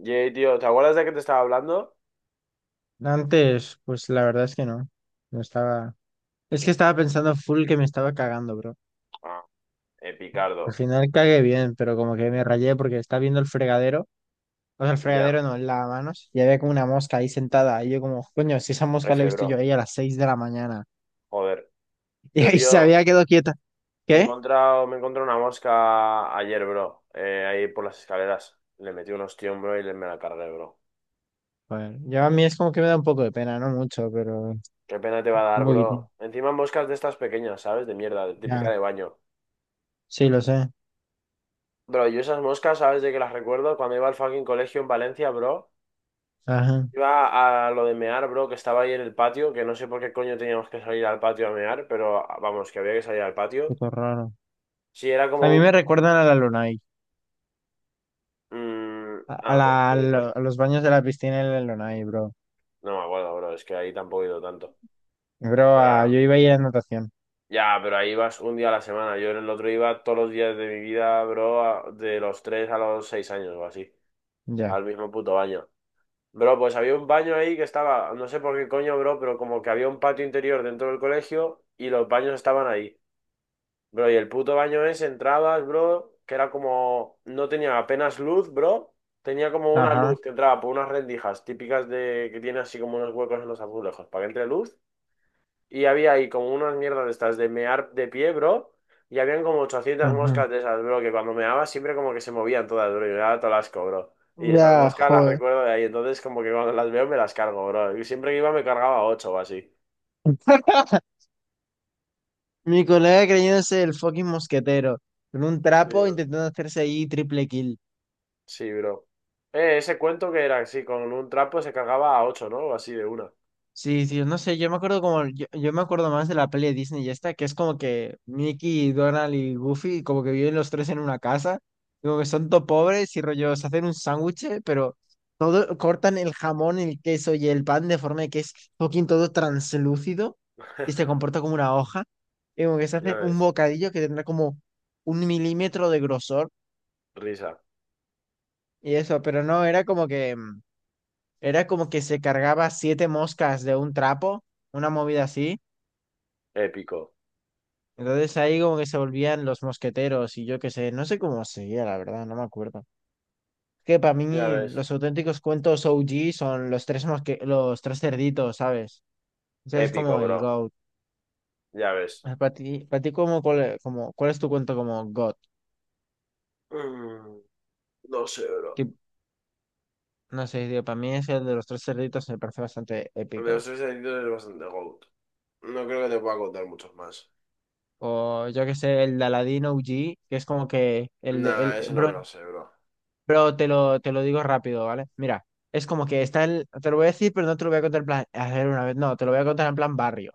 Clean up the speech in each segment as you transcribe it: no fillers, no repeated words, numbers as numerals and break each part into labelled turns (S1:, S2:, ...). S1: Yay, tío, ¿te acuerdas de que te estaba hablando?
S2: Antes, pues la verdad es que no. No estaba. Es que estaba pensando full que me estaba cagando, bro.
S1: Ah,
S2: Al
S1: Epicardo.
S2: final cagué bien, pero como que me rayé porque estaba viendo el fregadero. O sea, el
S1: Ya,
S2: fregadero no, el lavamanos. Y había como una mosca ahí sentada. Y yo como, coño, si esa mosca
S1: F,
S2: la he visto yo
S1: bro.
S2: ahí a las 6 de la mañana.
S1: Joder.
S2: Y
S1: Yo,
S2: ahí se
S1: tío,
S2: había quedado quieta.
S1: me he
S2: ¿Qué?
S1: encontrado, me he encontrado una mosca ayer, bro. Ahí por las escaleras. Le metí un ostión, bro, y me la cargué, bro.
S2: Bueno, yo a mí es como que me da un poco de pena, no mucho, pero
S1: Qué pena te va a
S2: un
S1: dar, bro.
S2: poquitín.
S1: Encima moscas de estas pequeñas, ¿sabes? De mierda, de típica
S2: Ya,
S1: de baño.
S2: sí, lo sé.
S1: Bro, yo esas moscas, ¿sabes de que las recuerdo? Cuando iba al fucking colegio en Valencia, bro.
S2: Ajá,
S1: Iba a lo de mear, bro, que estaba ahí en el patio, que no sé por qué coño teníamos que salir al patio a mear, pero vamos, que había que salir al patio.
S2: puto raro.
S1: Sí, era
S2: A
S1: como
S2: mí me
S1: un.
S2: recuerdan a la Lunai,
S1: mm,
S2: a, a
S1: ah, pues
S2: la- a
S1: puede
S2: lo-
S1: ser.
S2: a los baños de la piscina en la Lunai, bro.
S1: No me acuerdo, bro, es que ahí tampoco he ido tanto.
S2: Bro, yo
S1: Pero,
S2: iba a ir a natación.
S1: ya, pero ahí vas un día a la semana. Yo en el otro iba todos los días de mi vida, bro, de los 3 a los 6 años o así,
S2: Ya.
S1: al mismo puto baño. Bro, pues había un baño ahí que estaba, no sé por qué coño, bro, pero como que había un patio interior dentro del colegio y los baños estaban ahí. Bro, y el puto baño ese, entrabas, bro, que era como, no tenía apenas luz, bro. Tenía como una
S2: Ajá.
S1: luz que entraba por unas rendijas típicas de que tiene así como unos huecos en los azulejos para que entre luz. Y había ahí como unas mierdas de estas de mear de pie, bro. Y habían como 800
S2: Ujú.
S1: moscas de esas, bro, que cuando meaba siempre como que se movían todas, bro. Y me daba todo el asco, bro. Y esas
S2: Ya,
S1: moscas las
S2: joder.
S1: recuerdo de ahí. Entonces como que cuando las veo me las cargo, bro. Y siempre que iba me cargaba 8 o así.
S2: Mi colega creyéndose el fucking mosquetero. Con un
S1: Sí,
S2: trapo
S1: bro.
S2: intentando hacerse ahí triple kill.
S1: Sí, bro. Ese cuento que era así, con un trapo se cagaba a ocho, ¿no? O así de una.
S2: Sí, sí, no sé, yo me acuerdo como, yo me acuerdo más de la peli de Disney y esta, que es como que Mickey, Donald y Goofy como que viven los tres en una casa, y como que son todo pobres y rollo, se hacen un sándwich, pero todo, cortan el jamón, el queso y el pan de forma que es fucking todo translúcido y se comporta como una hoja, y como que se
S1: Ya
S2: hace un
S1: ves.
S2: bocadillo que tendrá como 1 mm de grosor
S1: Risa.
S2: y eso, pero no, era como que se cargaba siete moscas de un trapo, una movida así.
S1: Épico.
S2: Entonces ahí como que se volvían los mosqueteros y yo qué sé, no sé cómo seguía, la verdad, no me acuerdo. Que para mí
S1: Ya ves.
S2: los auténticos cuentos OG son los tres cerditos, ¿sabes? Ese es
S1: Épico,
S2: como el
S1: bro.
S2: GOAT.
S1: Ya ves.
S2: Ah, para ti, para ti como, cuál, como, ¿cuál es tu cuento como GOAT?
S1: Mm, no sé, bro.
S2: Que, no sé, tío, para mí es el de los tres cerditos, me parece bastante
S1: De
S2: épico.
S1: los tres deditos es bastante goat. No creo que te pueda contar muchos más.
S2: O yo qué sé, el de Aladino OG, que es como que el de...
S1: Nah, eso no
S2: Bro,
S1: me lo sé, bro.
S2: pero te lo digo rápido, ¿vale? Mira, es como que está el... Te lo voy a decir, pero no te lo voy a contar en plan hacer una vez. No, te lo voy a contar en plan barrio.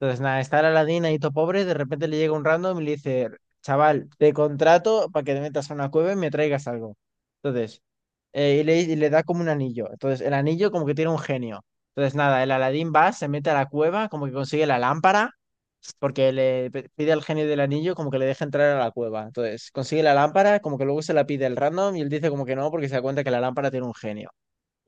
S2: Entonces, nada, está la ladina y todo pobre, de repente le llega un random y le dice, chaval, te contrato para que te metas a una cueva y me traigas algo. Entonces, y le da como un anillo. Entonces, el anillo como que tiene un genio. Entonces, nada, el Aladín va, se mete a la cueva, como que consigue la lámpara, porque pide al genio del anillo como que le deje entrar a la cueva. Entonces, consigue la lámpara, como que luego se la pide el random y él dice como que no, porque se da cuenta que la lámpara tiene un genio.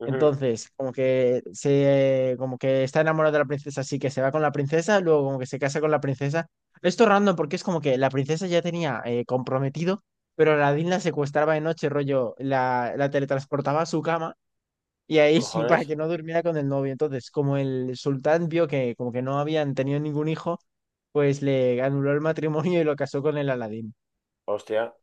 S1: Ujú.
S2: Entonces, como que está enamorado de la princesa, así que se va con la princesa, luego como que se casa con la princesa. Esto es random porque es como que la princesa ya tenía comprometido, pero Aladdin la secuestraba de noche, rollo, la teletransportaba a su cama y ahí sí, para
S1: ¿Cojones?
S2: que no durmiera con el novio. Entonces, como el sultán vio que como que no habían tenido ningún hijo, pues le anuló el matrimonio y lo casó con el Aladdin.
S1: Hostia.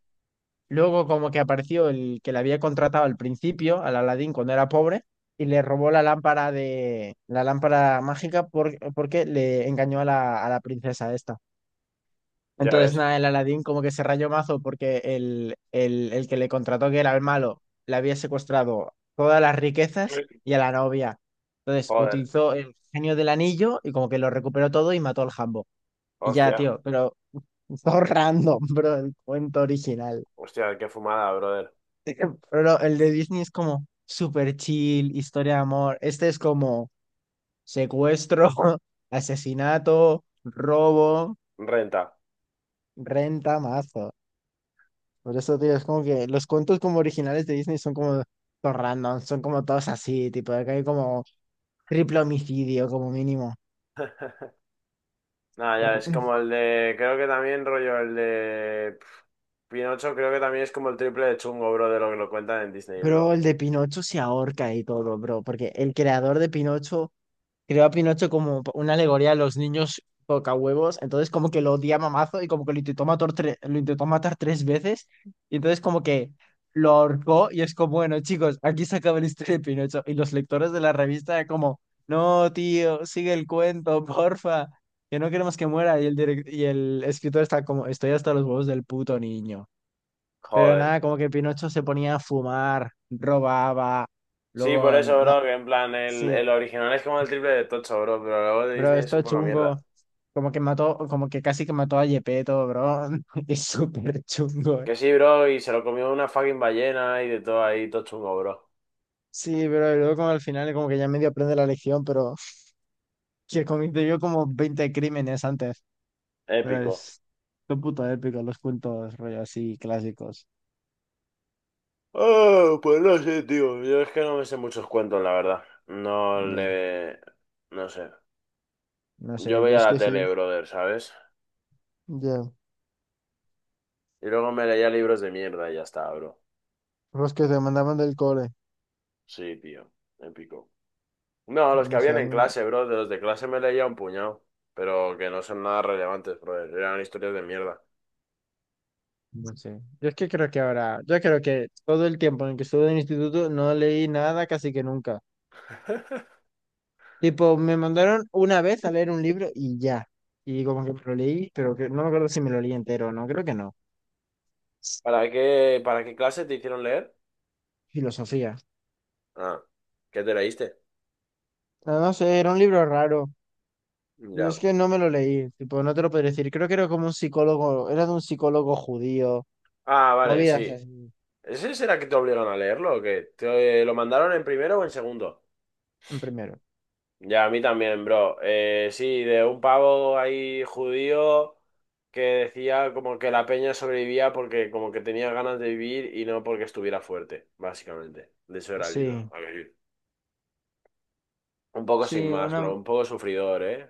S2: Luego como que apareció el que le había contratado al principio, al Aladín cuando era pobre, y le robó la lámpara de la lámpara mágica porque le engañó a la princesa esta.
S1: Ya
S2: Entonces
S1: ves.
S2: nada, el Aladín como que se rayó mazo porque el que le contrató, que era el malo, le había secuestrado todas las riquezas y a la novia. Entonces
S1: Joder.
S2: utilizó el genio del anillo y como que lo recuperó todo y mató al Jambo. Y ya,
S1: Hostia.
S2: tío, pero todo random, bro, el cuento original.
S1: Hostia, qué fumada, brother.
S2: Pero no, el de Disney es como super chill, historia de amor. Este es como secuestro, asesinato, robo,
S1: Renta.
S2: renta, mazo. Por eso, tío, es como que los cuentos como originales de Disney son como todos random, son como todos así, tipo, acá hay como triple homicidio como mínimo.
S1: Nada, ya, es como el de. Creo que también, rollo, el de. Pinocho, creo que también es como el triple de chungo, bro, de lo que lo cuentan en Disney,
S2: Pero
S1: bro.
S2: el de Pinocho se ahorca y todo, bro, porque el creador de Pinocho creó a Pinocho como una alegoría a los niños tocahuevos, entonces como que lo odia mamazo y como que lo intentó matar, lo intentó matar tres veces, y entonces como que lo ahorcó y es como, bueno, chicos, aquí se acaba la historia de Pinocho, y los lectores de la revista era como, no, tío, sigue el cuento, porfa, que no queremos que muera, y y el escritor está como, estoy hasta los huevos del puto niño. Pero
S1: Joder.
S2: nada, como que Pinocho se ponía a fumar, robaba,
S1: Sí, por
S2: luego,
S1: eso,
S2: no,
S1: bro, que en plan, el,
S2: sí.
S1: el original es como el triple de tocho, bro, pero luego de
S2: Bro,
S1: Disney es
S2: esto
S1: un
S2: es
S1: poco
S2: chungo.
S1: mierda.
S2: Como que mató, como que casi que mató a Gepetto, bro. Es súper chungo.
S1: Que sí, bro, y se lo comió una fucking ballena y de todo ahí, todo chungo, bro.
S2: Sí, pero luego como al final como que ya medio aprende la lección, pero que cometió como 20 crímenes antes. Pero
S1: Épico.
S2: es son puto épico los cuentos rollo así clásicos.
S1: Oh, pues no sé, tío. Yo es que no me sé muchos cuentos, la verdad. No
S2: Ya.
S1: le. No sé.
S2: No sé,
S1: Yo
S2: yo
S1: veía
S2: es
S1: la
S2: que sí.
S1: tele, brother, ¿sabes?
S2: Ya.
S1: Y luego me leía libros de mierda y ya está, bro.
S2: Los que te mandaban del cole.
S1: Sí, tío, épico. No, los que
S2: No sé,
S1: habían
S2: a
S1: en
S2: mí.
S1: clase, bro, de los de clase me leía un puñado, pero que no son nada relevantes, bro, eran historias de mierda.
S2: No sé. Yo es que creo que ahora, yo creo que todo el tiempo en que estuve en el instituto no leí nada casi que nunca. Tipo, me mandaron una vez a leer un libro y ya. Y como que me lo leí, pero que, no me acuerdo si me lo leí entero, no, creo que no.
S1: ¿Para qué clase te hicieron leer?
S2: Filosofía.
S1: Ah, ¿qué te leíste?
S2: No, no sé, era un libro raro.
S1: Ya.
S2: Es que no me lo leí, tipo, no te lo podría decir. Creo que era como un psicólogo, era de un psicólogo judío.
S1: Ah, vale,
S2: Movidas
S1: sí.
S2: así.
S1: ¿Ese será que te obligaron a leerlo o qué? ¿Te lo mandaron en primero o en segundo?
S2: En primero.
S1: Ya, a mí también, bro. Sí, de un pavo ahí judío que decía como que la peña sobrevivía porque como que tenía ganas de vivir y no porque estuviera fuerte, básicamente. De eso era el libro.
S2: Sí,
S1: A ver, un poco sin
S2: sí,
S1: más,
S2: una,
S1: bro. Un poco sufridor, ¿eh?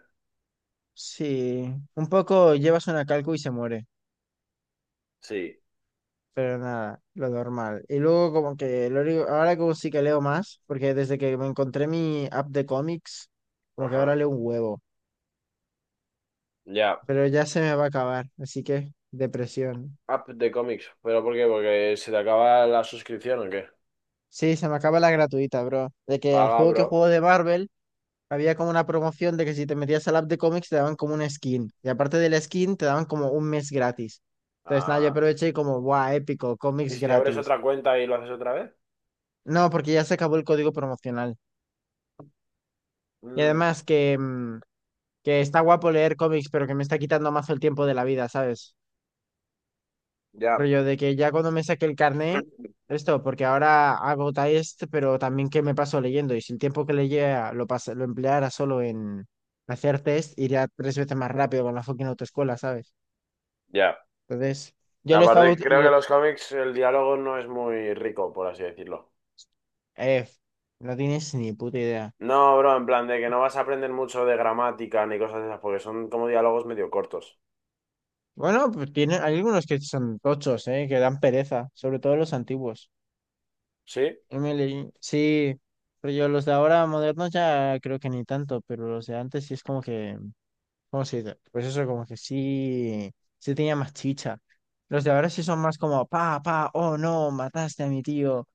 S2: sí. Un poco llevas una calco y se muere.
S1: Sí.
S2: Pero nada, lo normal. Y luego como que ahora como sí que leo más, porque desde que me encontré mi app de cómics, como que
S1: Ajá.
S2: ahora leo un huevo,
S1: Ya.
S2: pero ya se me va a acabar, así que depresión.
S1: App de cómics. ¿Pero por qué? ¿Porque se te acaba la suscripción o qué?
S2: Sí, se me acaba la gratuita, bro. De que al
S1: Paga,
S2: juego que
S1: bro.
S2: juego de Marvel había como una promoción de que si te metías al app de cómics te daban como una skin. Y aparte de la skin te daban como un mes gratis. Entonces nada, yo
S1: Ah.
S2: aproveché y como, guau, épico,
S1: ¿Y
S2: cómics
S1: si te abres
S2: gratis.
S1: otra cuenta y lo haces otra vez?
S2: No, porque ya se acabó el código promocional. Y
S1: Mm,
S2: además que... que está guapo leer cómics, pero que me está quitando mazo el tiempo de la vida, ¿sabes?
S1: ya.
S2: Rollo de que ya cuando me saque el carné, esto, porque ahora hago test, pero también que me paso leyendo, y si el tiempo que leía lo empleara solo en hacer test, iría tres veces más rápido con la fucking autoescuela, ¿sabes?
S1: Ya.
S2: Entonces, yo lo estaba...
S1: Aparte, creo que en los cómics el diálogo no es muy rico, por así decirlo.
S2: eh, no tienes ni puta idea.
S1: No, bro, en plan de que no vas a aprender mucho de gramática ni cosas de esas, porque son como diálogos medio cortos.
S2: Bueno, pues tiene, hay algunos que son tochos, ¿eh? Que dan pereza, sobre todo los antiguos.
S1: ¿Sí?
S2: Emily, sí, pero yo los de ahora modernos ya creo que ni tanto, pero los de antes sí es como que, ¿cómo se dice? Pues eso, como que sí, sí tenía más chicha. Los de ahora sí son más como, pa, pa, oh, no, mataste a mi tío,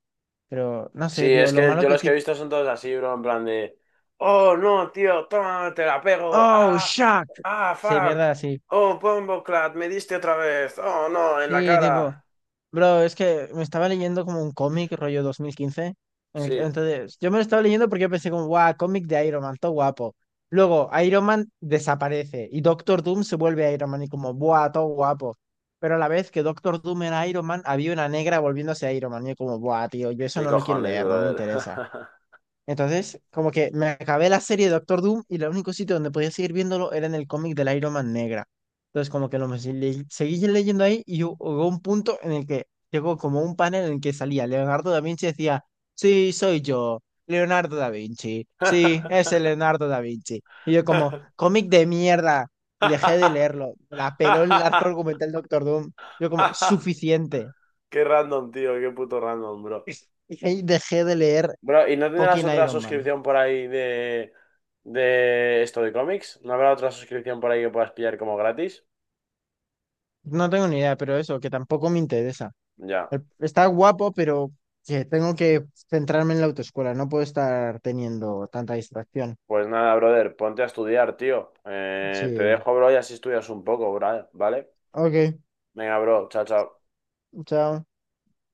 S2: pero no
S1: Sí,
S2: sé, tío,
S1: es
S2: lo
S1: que
S2: malo
S1: yo
S2: que
S1: los que he
S2: tiene,
S1: visto son todos así, bro, en plan de. Oh, no, tío, toma, te la pego.
S2: oh, shock, sí,
S1: Fuck.
S2: mierda, así.
S1: Oh, Bombo Clat, me diste otra vez. Oh, no, en la
S2: Sí, tipo,
S1: cara.
S2: bro, es que me estaba leyendo como un cómic rollo 2015,
S1: Sí,
S2: entonces, yo me lo estaba leyendo porque yo pensé como, guau, cómic de Iron Man, todo guapo. Luego, Iron Man desaparece y Doctor Doom se vuelve Iron Man y como, buah, todo guapo. Pero a la vez que Doctor Doom era Iron Man, había una negra volviéndose Iron Man y yo como, buah, tío, yo eso
S1: qué
S2: no lo quiero
S1: cojones,
S2: leer, no me
S1: brother.
S2: interesa. Entonces, como que me acabé la serie de Doctor Doom y el único sitio donde podía seguir viéndolo era en el cómic del Iron Man negra. Entonces, como que seguí leyendo ahí y hubo un punto en el que llegó como un panel en el que salía Leonardo da Vinci y decía, sí, soy yo, Leonardo da Vinci, sí, es el Leonardo da Vinci. Y yo como, cómic de mierda, y dejé de leerlo. Me la peló el arco argumental Doctor Doom. Yo como, suficiente.
S1: Qué random, tío, qué puto random, bro.
S2: Y ahí dejé de leer
S1: Bro, ¿y no tendrás
S2: fucking
S1: otra
S2: Iron Man.
S1: suscripción por ahí de esto de cómics? ¿No habrá otra suscripción por ahí que puedas pillar como gratis?
S2: No tengo ni idea, pero eso, que tampoco me interesa.
S1: Ya.
S2: Está guapo, pero que tengo que centrarme en la autoescuela. No puedo estar teniendo tanta distracción.
S1: Pues nada, brother, ponte a estudiar, tío. Te
S2: Sí.
S1: dejo, bro, y así estudias un poco, bro, ¿vale?
S2: Ok,
S1: Venga, bro, chao, chao.
S2: chao.